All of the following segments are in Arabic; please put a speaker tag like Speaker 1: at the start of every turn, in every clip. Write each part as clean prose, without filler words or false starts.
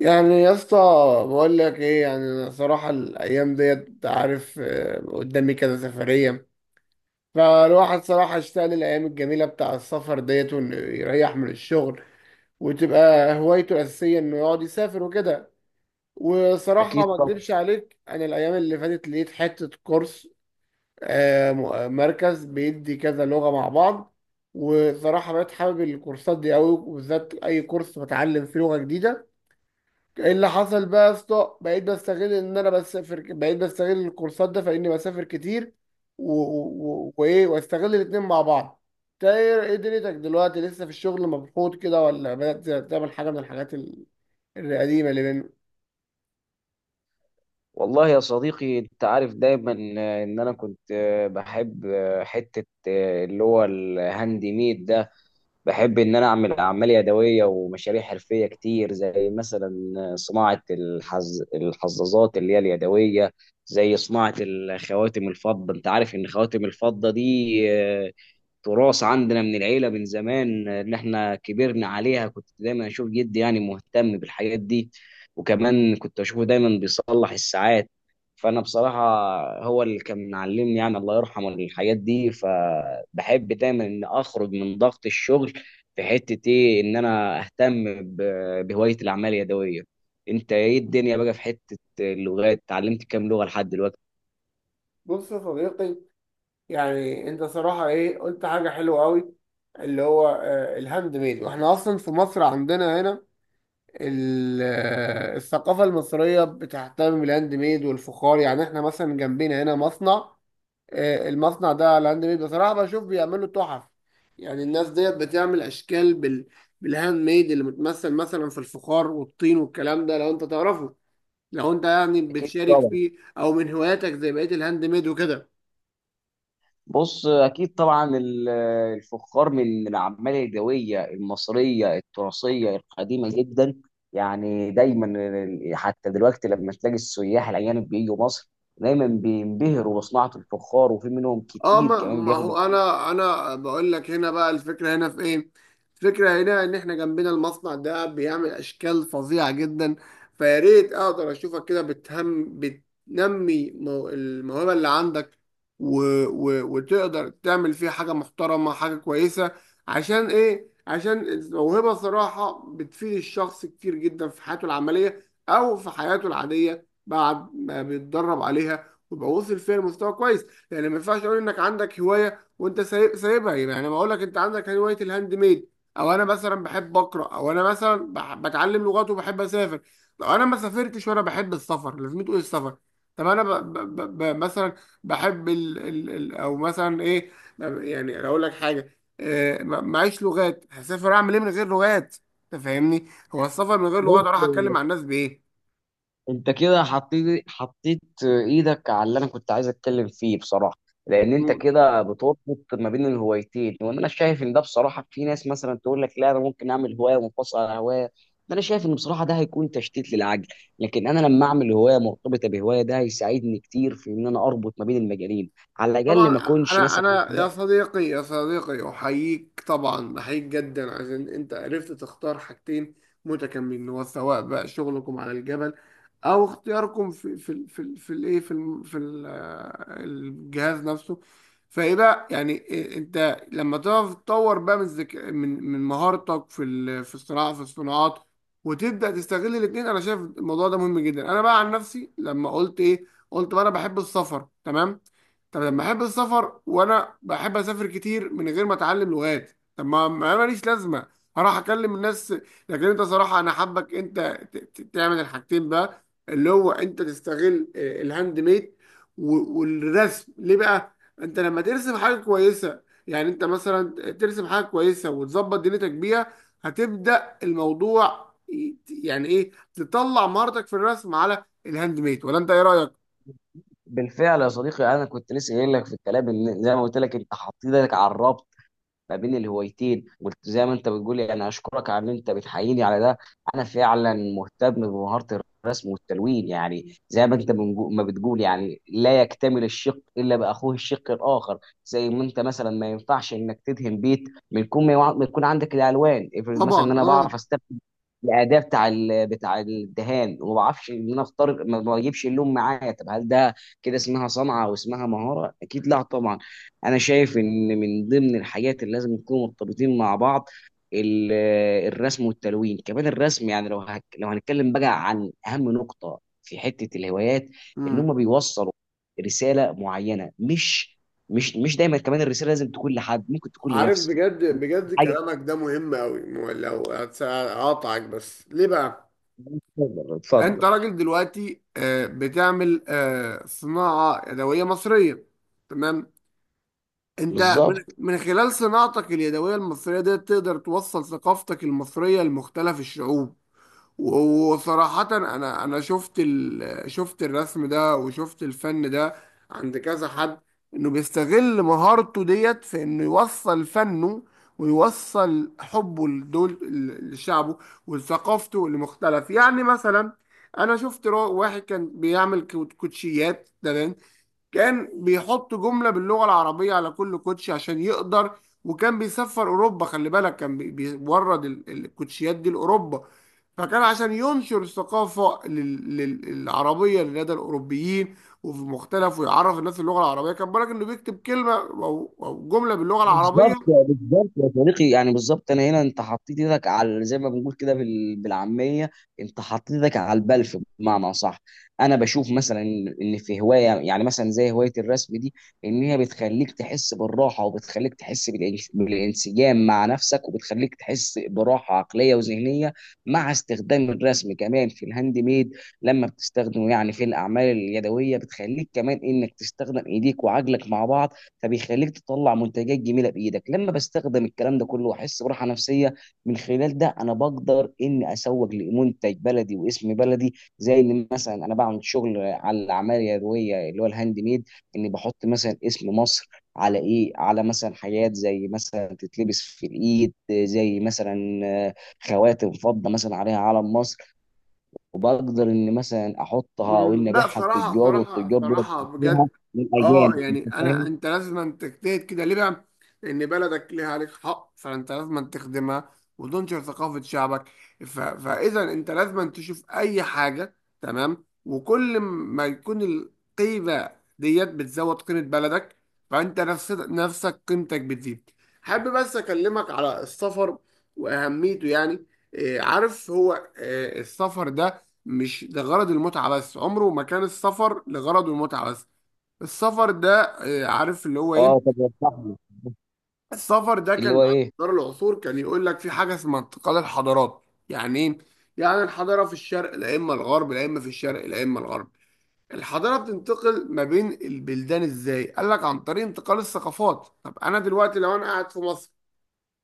Speaker 1: يعني يا اسطى، بقول لك ايه؟ يعني انا صراحه الايام ديت أنت عارف، قدامي كذا سفريه. فالواحد صراحه اشتاق للايام الجميله بتاع السفر ديت، وانه يريح من الشغل وتبقى هوايته الاساسيه انه يقعد يسافر وكده. وصراحه
Speaker 2: أكيد
Speaker 1: ما
Speaker 2: طبعا.
Speaker 1: اكدبش عليك، انا الايام اللي فاتت لقيت حته كورس. مركز بيدي كذا لغه مع بعض. وصراحه بقيت حابب الكورسات دي قوي، وبالذات اي كورس بتعلم فيه لغه جديده. ايه اللي حصل بقى يا اسطى؟ بقيت بستغل ان انا بسافر، بقيت بستغل الكورسات ده، فاني بسافر كتير وايه، واستغل الاتنين مع بعض. انت ايه؟ دنيتك دلوقتي، لسه في الشغل مبسوط كده، ولا بدأت تعمل حاجه من الحاجات القديمه اللي بيننا؟
Speaker 2: والله يا صديقي، أنت عارف دايما إن أنا كنت بحب حتة اللي هو الهاند ميد ده. بحب إن أنا أعمل أعمال يدوية ومشاريع حرفية كتير، زي مثلا صناعة الحظاظات اللي هي اليدوية، زي صناعة الخواتم الفضة. أنت عارف إن خواتم الفضة دي تراث عندنا من العيله من زمان، اللي احنا كبرنا عليها. كنت دايما اشوف جدي يعني مهتم بالحاجات دي، وكمان كنت اشوفه دايما بيصلح الساعات. فانا بصراحه هو اللي كان معلمني يعني، الله يرحمه، الحاجات دي. فبحب دايما ان اخرج من ضغط الشغل في حته ايه، ان انا اهتم بهوايه الاعمال اليدويه. انت ايه الدنيا بقى في حته اللغات؟ اتعلمت كام لغه لحد دلوقتي؟
Speaker 1: بص يا صديقي، يعني انت صراحة ايه، قلت حاجة حلوة قوي. اللي هو الهاند ميد. واحنا اصلا في مصر عندنا هنا الثقافه المصريه بتهتم بالهاند ميد والفخار. يعني احنا مثلا جنبنا هنا مصنع، المصنع ده على هاند ميد. بصراحة بشوف بيعملوا تحف، يعني الناس ديت بتعمل أشكال بالهاند ميد، اللي متمثل مثلا في الفخار والطين والكلام ده. لو أنت تعرفه، لو أنت يعني
Speaker 2: اكيد
Speaker 1: بتشارك
Speaker 2: طبعا.
Speaker 1: فيه، أو من هواياتك زي بقية الهاند ميد وكده.
Speaker 2: بص، اكيد طبعا، الفخار من الاعمال اليدويه المصريه التراثيه القديمه جدا. يعني دايما حتى دلوقتي لما تلاقي السياح الاجانب بييجوا مصر، دايما بينبهروا بصناعه الفخار، وفي منهم
Speaker 1: اه،
Speaker 2: كتير
Speaker 1: ما,
Speaker 2: كمان
Speaker 1: ما هو انا بقول لك، هنا بقى الفكره، هنا في ايه؟ الفكره هنا ان احنا جنبنا المصنع ده بيعمل اشكال فظيعه جدا. فيا ريت اقدر اشوفك كده بتهم بتنمي الموهبه اللي عندك، و و وتقدر تعمل فيه حاجه محترمه، حاجه كويسه. عشان ايه؟ عشان الموهبه صراحه بتفيد الشخص كتير جدا في حياته العمليه، او في حياته العاديه بعد ما بيتدرب عليها ويبقى وصل فيها لمستوى كويس. يعني ما ينفعش تقول انك عندك هوايه وانت سايبها. يعني ما اقول لك انت عندك هوايه الهاند ميد، او انا مثلا بحب اقرا، او انا مثلا بتعلم لغات وبحب اسافر. لو انا ما سافرتش وانا بحب السفر، لازم تقول السفر. طب انا مثلا بحب او مثلا ايه، يعني اقول لك حاجه، معيش لغات، هسافر اعمل ايه من غير لغات؟ انت فاهمني؟ هو السفر من غير لغات اروح اتكلم
Speaker 2: بياخدوا.
Speaker 1: مع الناس بايه؟
Speaker 2: انت كده حطيت ايدك على اللي انا كنت عايز اتكلم فيه بصراحه، لان انت كده بتربط ما بين الهوايتين. وان انا شايف ان ده بصراحه، في ناس مثلا تقول لك لا، انا ممكن اعمل هوايه منفصله عن هوايه. ده انا شايف ان بصراحه ده هيكون تشتيت للعقل، لكن انا لما اعمل هوايه مرتبطه بهوايه ده هيساعدني كتير في ان انا اربط ما بين المجالين، على الاقل
Speaker 1: طبعا.
Speaker 2: ما اكونش
Speaker 1: انا
Speaker 2: مثلا.
Speaker 1: انا يا صديقي، يا صديقي احييك، طبعا احييك جدا عشان انت عرفت تختار حاجتين متكاملين. هو سواء بقى شغلكم على الجبل، او اختياركم في الايه، في الجهاز نفسه. فايه بقى؟ يعني إيه انت لما تعرف تطور بقى من من مهارتك في الصناعه، في الصناعات، وتبدا تستغل الاثنين. انا شايف الموضوع ده مهم جدا. انا بقى عن نفسي، لما قلت ايه؟ قلت بقى انا بحب السفر، تمام. طب لما احب السفر وانا بحب اسافر كتير من غير ما اتعلم لغات، طب ما ما ماليش لازمه هروح اكلم الناس. لكن انت صراحه انا حابك انت تعمل الحاجتين بقى، اللي هو انت تستغل الهاند ميد والرسم. ليه بقى؟ انت لما ترسم حاجه كويسه، يعني انت مثلا ترسم حاجه كويسه وتظبط دنيتك بيها، هتبدا الموضوع يعني ايه؟ تطلع مهارتك في الرسم على الهاند ميد. ولا انت ايه رايك؟
Speaker 2: بالفعل يا صديقي، انا كنت لسه قايل لك في الكلام، ان زي ما قلت لك، انت حطيت ايدك على الربط ما بين الهوايتين. وزي ما انت بتقول يعني، اشكرك على ان انت بتحييني على ده. انا فعلا مهتم بمهارة الرسم والتلوين. يعني زي ما انت ما بتقول، يعني لا يكتمل الشق الا باخوه الشق الاخر. زي ما انت مثلا ما ينفعش انك تدهن بيت من كون ما يكون عندك الالوان. افرض
Speaker 1: طبعا،
Speaker 2: مثلا ان انا
Speaker 1: اه.
Speaker 2: بعرف استخدم الاداء بتاع بتاع الدهان، وما بعرفش ان انا اختار، ما بجيبش اللون معايا. طب هل ده كده اسمها صنعه او اسمها مهاره؟ اكيد لا طبعا. انا شايف ان من ضمن الحاجات اللي لازم يكونوا مرتبطين مع بعض ال- الرسم والتلوين. كمان الرسم، يعني لو لو هنتكلم بقى عن اهم نقطه في حته الهوايات، ان هم بيوصلوا رساله معينه. مش دايما كمان الرساله لازم تكون لحد، ممكن تكون
Speaker 1: عارف،
Speaker 2: لنفسي
Speaker 1: بجد بجد
Speaker 2: حاجه.
Speaker 1: كلامك ده مهم قوي. لو هقاطعك بس، ليه بقى؟
Speaker 2: اتفضل
Speaker 1: انت
Speaker 2: اتفضل.
Speaker 1: راجل دلوقتي بتعمل صناعة يدوية مصرية، تمام. انت من
Speaker 2: بالظبط
Speaker 1: من خلال صناعتك اليدوية المصرية دي تقدر توصل ثقافتك المصرية لمختلف الشعوب. وصراحة أنا شفت شفت الرسم ده، وشفت الفن ده عند كذا حد، إنه بيستغل مهارته ديت في إنه يوصل فنه، ويوصل حبه لدول، لشعبه ولثقافته، لمختلف. يعني مثلا أنا شفت واحد كان بيعمل كوتشيات، تمام. كان بيحط جملة باللغة العربية على كل كوتشي عشان يقدر، وكان بيسفر أوروبا، خلي بالك، كان بيورد الكوتشيات دي لأوروبا، فكان عشان ينشر الثقافة العربية لدى الأوروبيين، وفي مختلف، ويعرف الناس اللغة العربية. كان بالك إنه بيكتب كلمة، أو جملة باللغة العربية.
Speaker 2: بالظبط بالظبط يا صديقي، يعني بالظبط. انا هنا انت حطيت ايدك على زي ما بنقول كده بالعاميه، انت حطيت ايدك على البلف بمعنى صح. انا بشوف مثلا ان إن في هوايه، يعني مثلا زي هوايه الرسم دي، ان هي بتخليك تحس بالراحه، وبتخليك تحس بالانسجام مع نفسك، وبتخليك تحس براحه عقليه وذهنيه. مع استخدام الرسم كمان في الهاند ميد، لما بتستخدمه يعني في الاعمال اليدويه، بتخليك كمان انك تستخدم ايديك وعجلك مع بعض، فبيخليك تطلع منتجات جميله بايدك. لما بستخدم الكلام ده كله واحس براحه نفسيه، من خلال ده انا بقدر اني اسوق لمنتج بلدي واسم بلدي. زي اللي مثلا انا بعمل شغل على الاعمال اليدويه اللي هو الهاند ميد، اني بحط مثلا اسم مصر على ايه، على مثلا حاجات زي مثلا تتلبس في الايد، زي مثلا خواتم فضه مثلا عليها علم مصر. وبقدر ان مثلا احطها وان
Speaker 1: مم، لا
Speaker 2: ابيعها
Speaker 1: صراحة،
Speaker 2: للتجار،
Speaker 1: صراحة
Speaker 2: والتجار دول
Speaker 1: صراحة،
Speaker 2: بيشتروها
Speaker 1: بجد. اه،
Speaker 2: للاجانب. انت
Speaker 1: يعني انا،
Speaker 2: فاهم؟
Speaker 1: انت لازم أن تجتهد كده. ليه بقى؟ لان بلدك ليها عليك حق، فانت لازم أن تخدمها وتنشر ثقافة شعبك. فاذا انت لازم أن تشوف اي حاجة، تمام. وكل ما يكون القيمة ديت بتزود قيمة بلدك، فانت نفس نفسك قيمتك بتزيد. حابب بس اكلمك على السفر واهميته. يعني إيه؟ عارف هو إيه السفر ده؟ مش لغرض المتعة بس، عمره ما كان السفر لغرض المتعة بس. السفر ده، عارف اللي هو
Speaker 2: اه
Speaker 1: ايه؟
Speaker 2: طب يا صاحبي،
Speaker 1: السفر ده كان
Speaker 2: اللي هو
Speaker 1: على
Speaker 2: ايه،
Speaker 1: مدار العصور، كان يقول لك في حاجة اسمها انتقال الحضارات. يعني ايه؟ يعني الحضارة في الشرق لا اما الغرب، لا اما في الشرق لا اما الغرب، الحضارة بتنتقل ما بين البلدان. ازاي؟ قال لك عن طريق انتقال الثقافات. طب انا دلوقتي لو انا قاعد في مصر،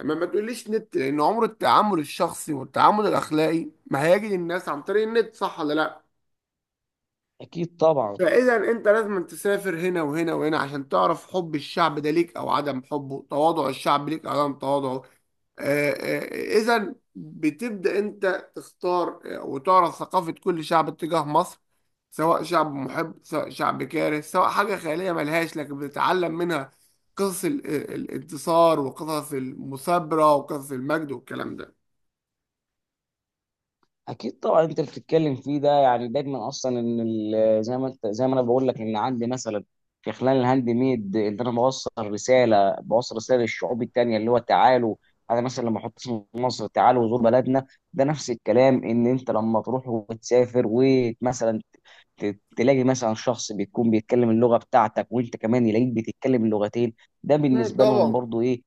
Speaker 1: لما ما تقوليش نت، لان عمر التعامل الشخصي والتعامل الاخلاقي ما هيجي للناس عن طريق النت، صح ولا لا؟
Speaker 2: اكيد طبعا.
Speaker 1: فاذا انت لازم تسافر هنا وهنا وهنا عشان تعرف حب الشعب ده ليك او عدم حبه، تواضع الشعب ليك او عدم تواضعه. اذا بتبدا انت تختار، وتعرف ثقافه كل شعب تجاه مصر، سواء شعب محب، سواء شعب كاره، سواء حاجه خياليه ملهاش، لكن بتتعلم منها قصص الانتصار، وقصص المثابره، وقصص المجد والكلام ده.
Speaker 2: اكيد طبعا انت بتتكلم فيه ده، يعني دايما اصلا ان زي ما انت، زي ما انا بقول لك ان عندي مثلا في خلال الهاند ميد ان انا بوصل رساله، بوصل رساله للشعوب التانيه اللي هو تعالوا. انا مثلا لما احط اسم مصر، تعالوا زور بلدنا. ده نفس الكلام ان انت لما تروح وتسافر ومثلا تلاقي مثلا شخص بيكون بيتكلم اللغه بتاعتك، وانت كمان يلاقيك بتتكلم اللغتين، ده
Speaker 1: مم،
Speaker 2: بالنسبه لهم
Speaker 1: طبعا.
Speaker 2: برضو ايه،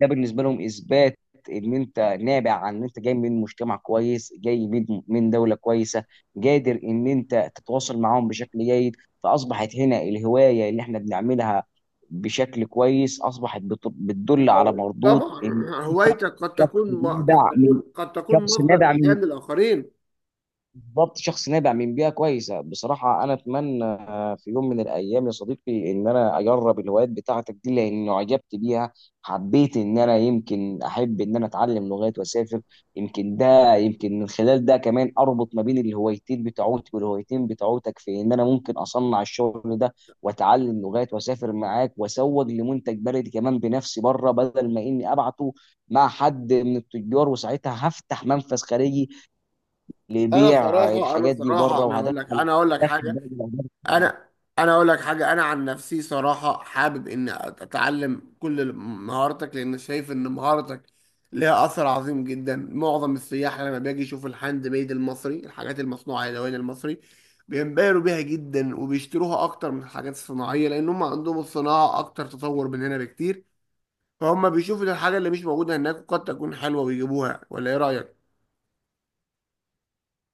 Speaker 2: ده بالنسبه لهم اثبات ان انت نابع عن ان انت جاي من مجتمع كويس، جاي من دوله كويسه، قادر ان انت تتواصل معاهم بشكل جيد. فاصبحت هنا الهوايه اللي احنا بنعملها بشكل كويس اصبحت بتدل
Speaker 1: ما
Speaker 2: على
Speaker 1: هو
Speaker 2: مردود
Speaker 1: طبعا،
Speaker 2: ان
Speaker 1: هوايتك
Speaker 2: شخص نابع من،
Speaker 1: قد تكون
Speaker 2: شخص
Speaker 1: مصدر
Speaker 2: نابع من
Speaker 1: الهام للاخرين.
Speaker 2: بالظبط، شخص نابع من بيئه كويسه. بصراحه انا اتمنى في يوم من الايام يا صديقي، ان انا اجرب الهوايات بتاعتك دي لاني اعجبت بيها. حبيت ان انا يمكن احب ان انا اتعلم لغات واسافر. يمكن ده يمكن من خلال ده كمان اربط ما بين الهوايتين بتوعتي والهوايتين بتوعتك، في ان انا ممكن اصنع الشغل ده واتعلم لغات واسافر معاك واسوق لمنتج بلدي كمان بنفسي بره، بدل ما اني ابعته مع حد من التجار. وساعتها هفتح منفذ خارجي اللي
Speaker 1: انا
Speaker 2: يبيع
Speaker 1: صراحه،
Speaker 2: الحاجات دي بره، وهدخل
Speaker 1: انا اقول لك
Speaker 2: دخل
Speaker 1: حاجه.
Speaker 2: بلد.
Speaker 1: انا انا عن نفسي صراحه حابب اني اتعلم كل مهاراتك، لان شايف ان مهارتك ليها اثر عظيم جدا. معظم السياح لما باجي يشوف الهاند ميد المصري، الحاجات المصنوعه يدويا المصري، بينبهروا بيها جدا وبيشتروها اكتر من الحاجات الصناعيه، لان هم عندهم الصناعه اكتر تطور مننا بكتير. فهم بيشوفوا الحاجة اللي مش موجودة هناك وقد تكون حلوة ويجيبوها، ولا ايه رأيك؟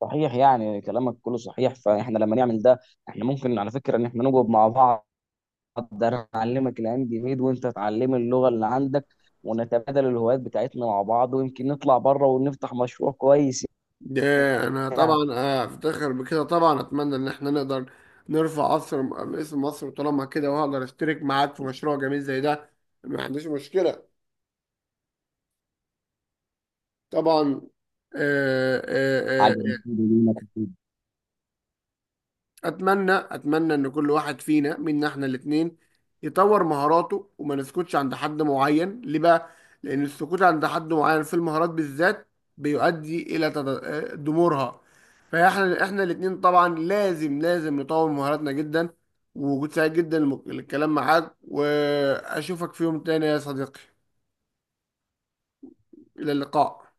Speaker 2: صحيح، يعني كلامك كله صحيح. فاحنا لما نعمل ده، احنا ممكن على فكره ان احنا نقعد مع بعض، ده انا اعلمك الهاند ميد وانت تعلم اللغه اللي عندك، ونتبادل الهوايات بتاعتنا مع بعض، ويمكن نطلع بره ونفتح مشروع كويس،
Speaker 1: ده انا
Speaker 2: يعني
Speaker 1: طبعا، افتخر بكده طبعا. اتمنى ان احنا نقدر نرفع اسم مصر طالما كده، وهقدر اشترك معاك في مشروع جميل زي ده، ما عنديش مشكلة. طبعا، آه، آه،
Speaker 2: حاجه
Speaker 1: آه،
Speaker 2: مفيده لينا.
Speaker 1: اتمنى، اتمنى ان كل واحد فينا، منا احنا الاثنين، يطور مهاراته وما نسكتش عند حد معين. ليه بقى؟ لان السكوت عند حد معين في المهارات بالذات بيؤدي الى دمورها. فاحنا، احنا الاثنين طبعا لازم نطور مهاراتنا جدا. ووجود سعيد جدا للكلام معاك، واشوفك في يوم تاني يا صديقي. الى اللقاء.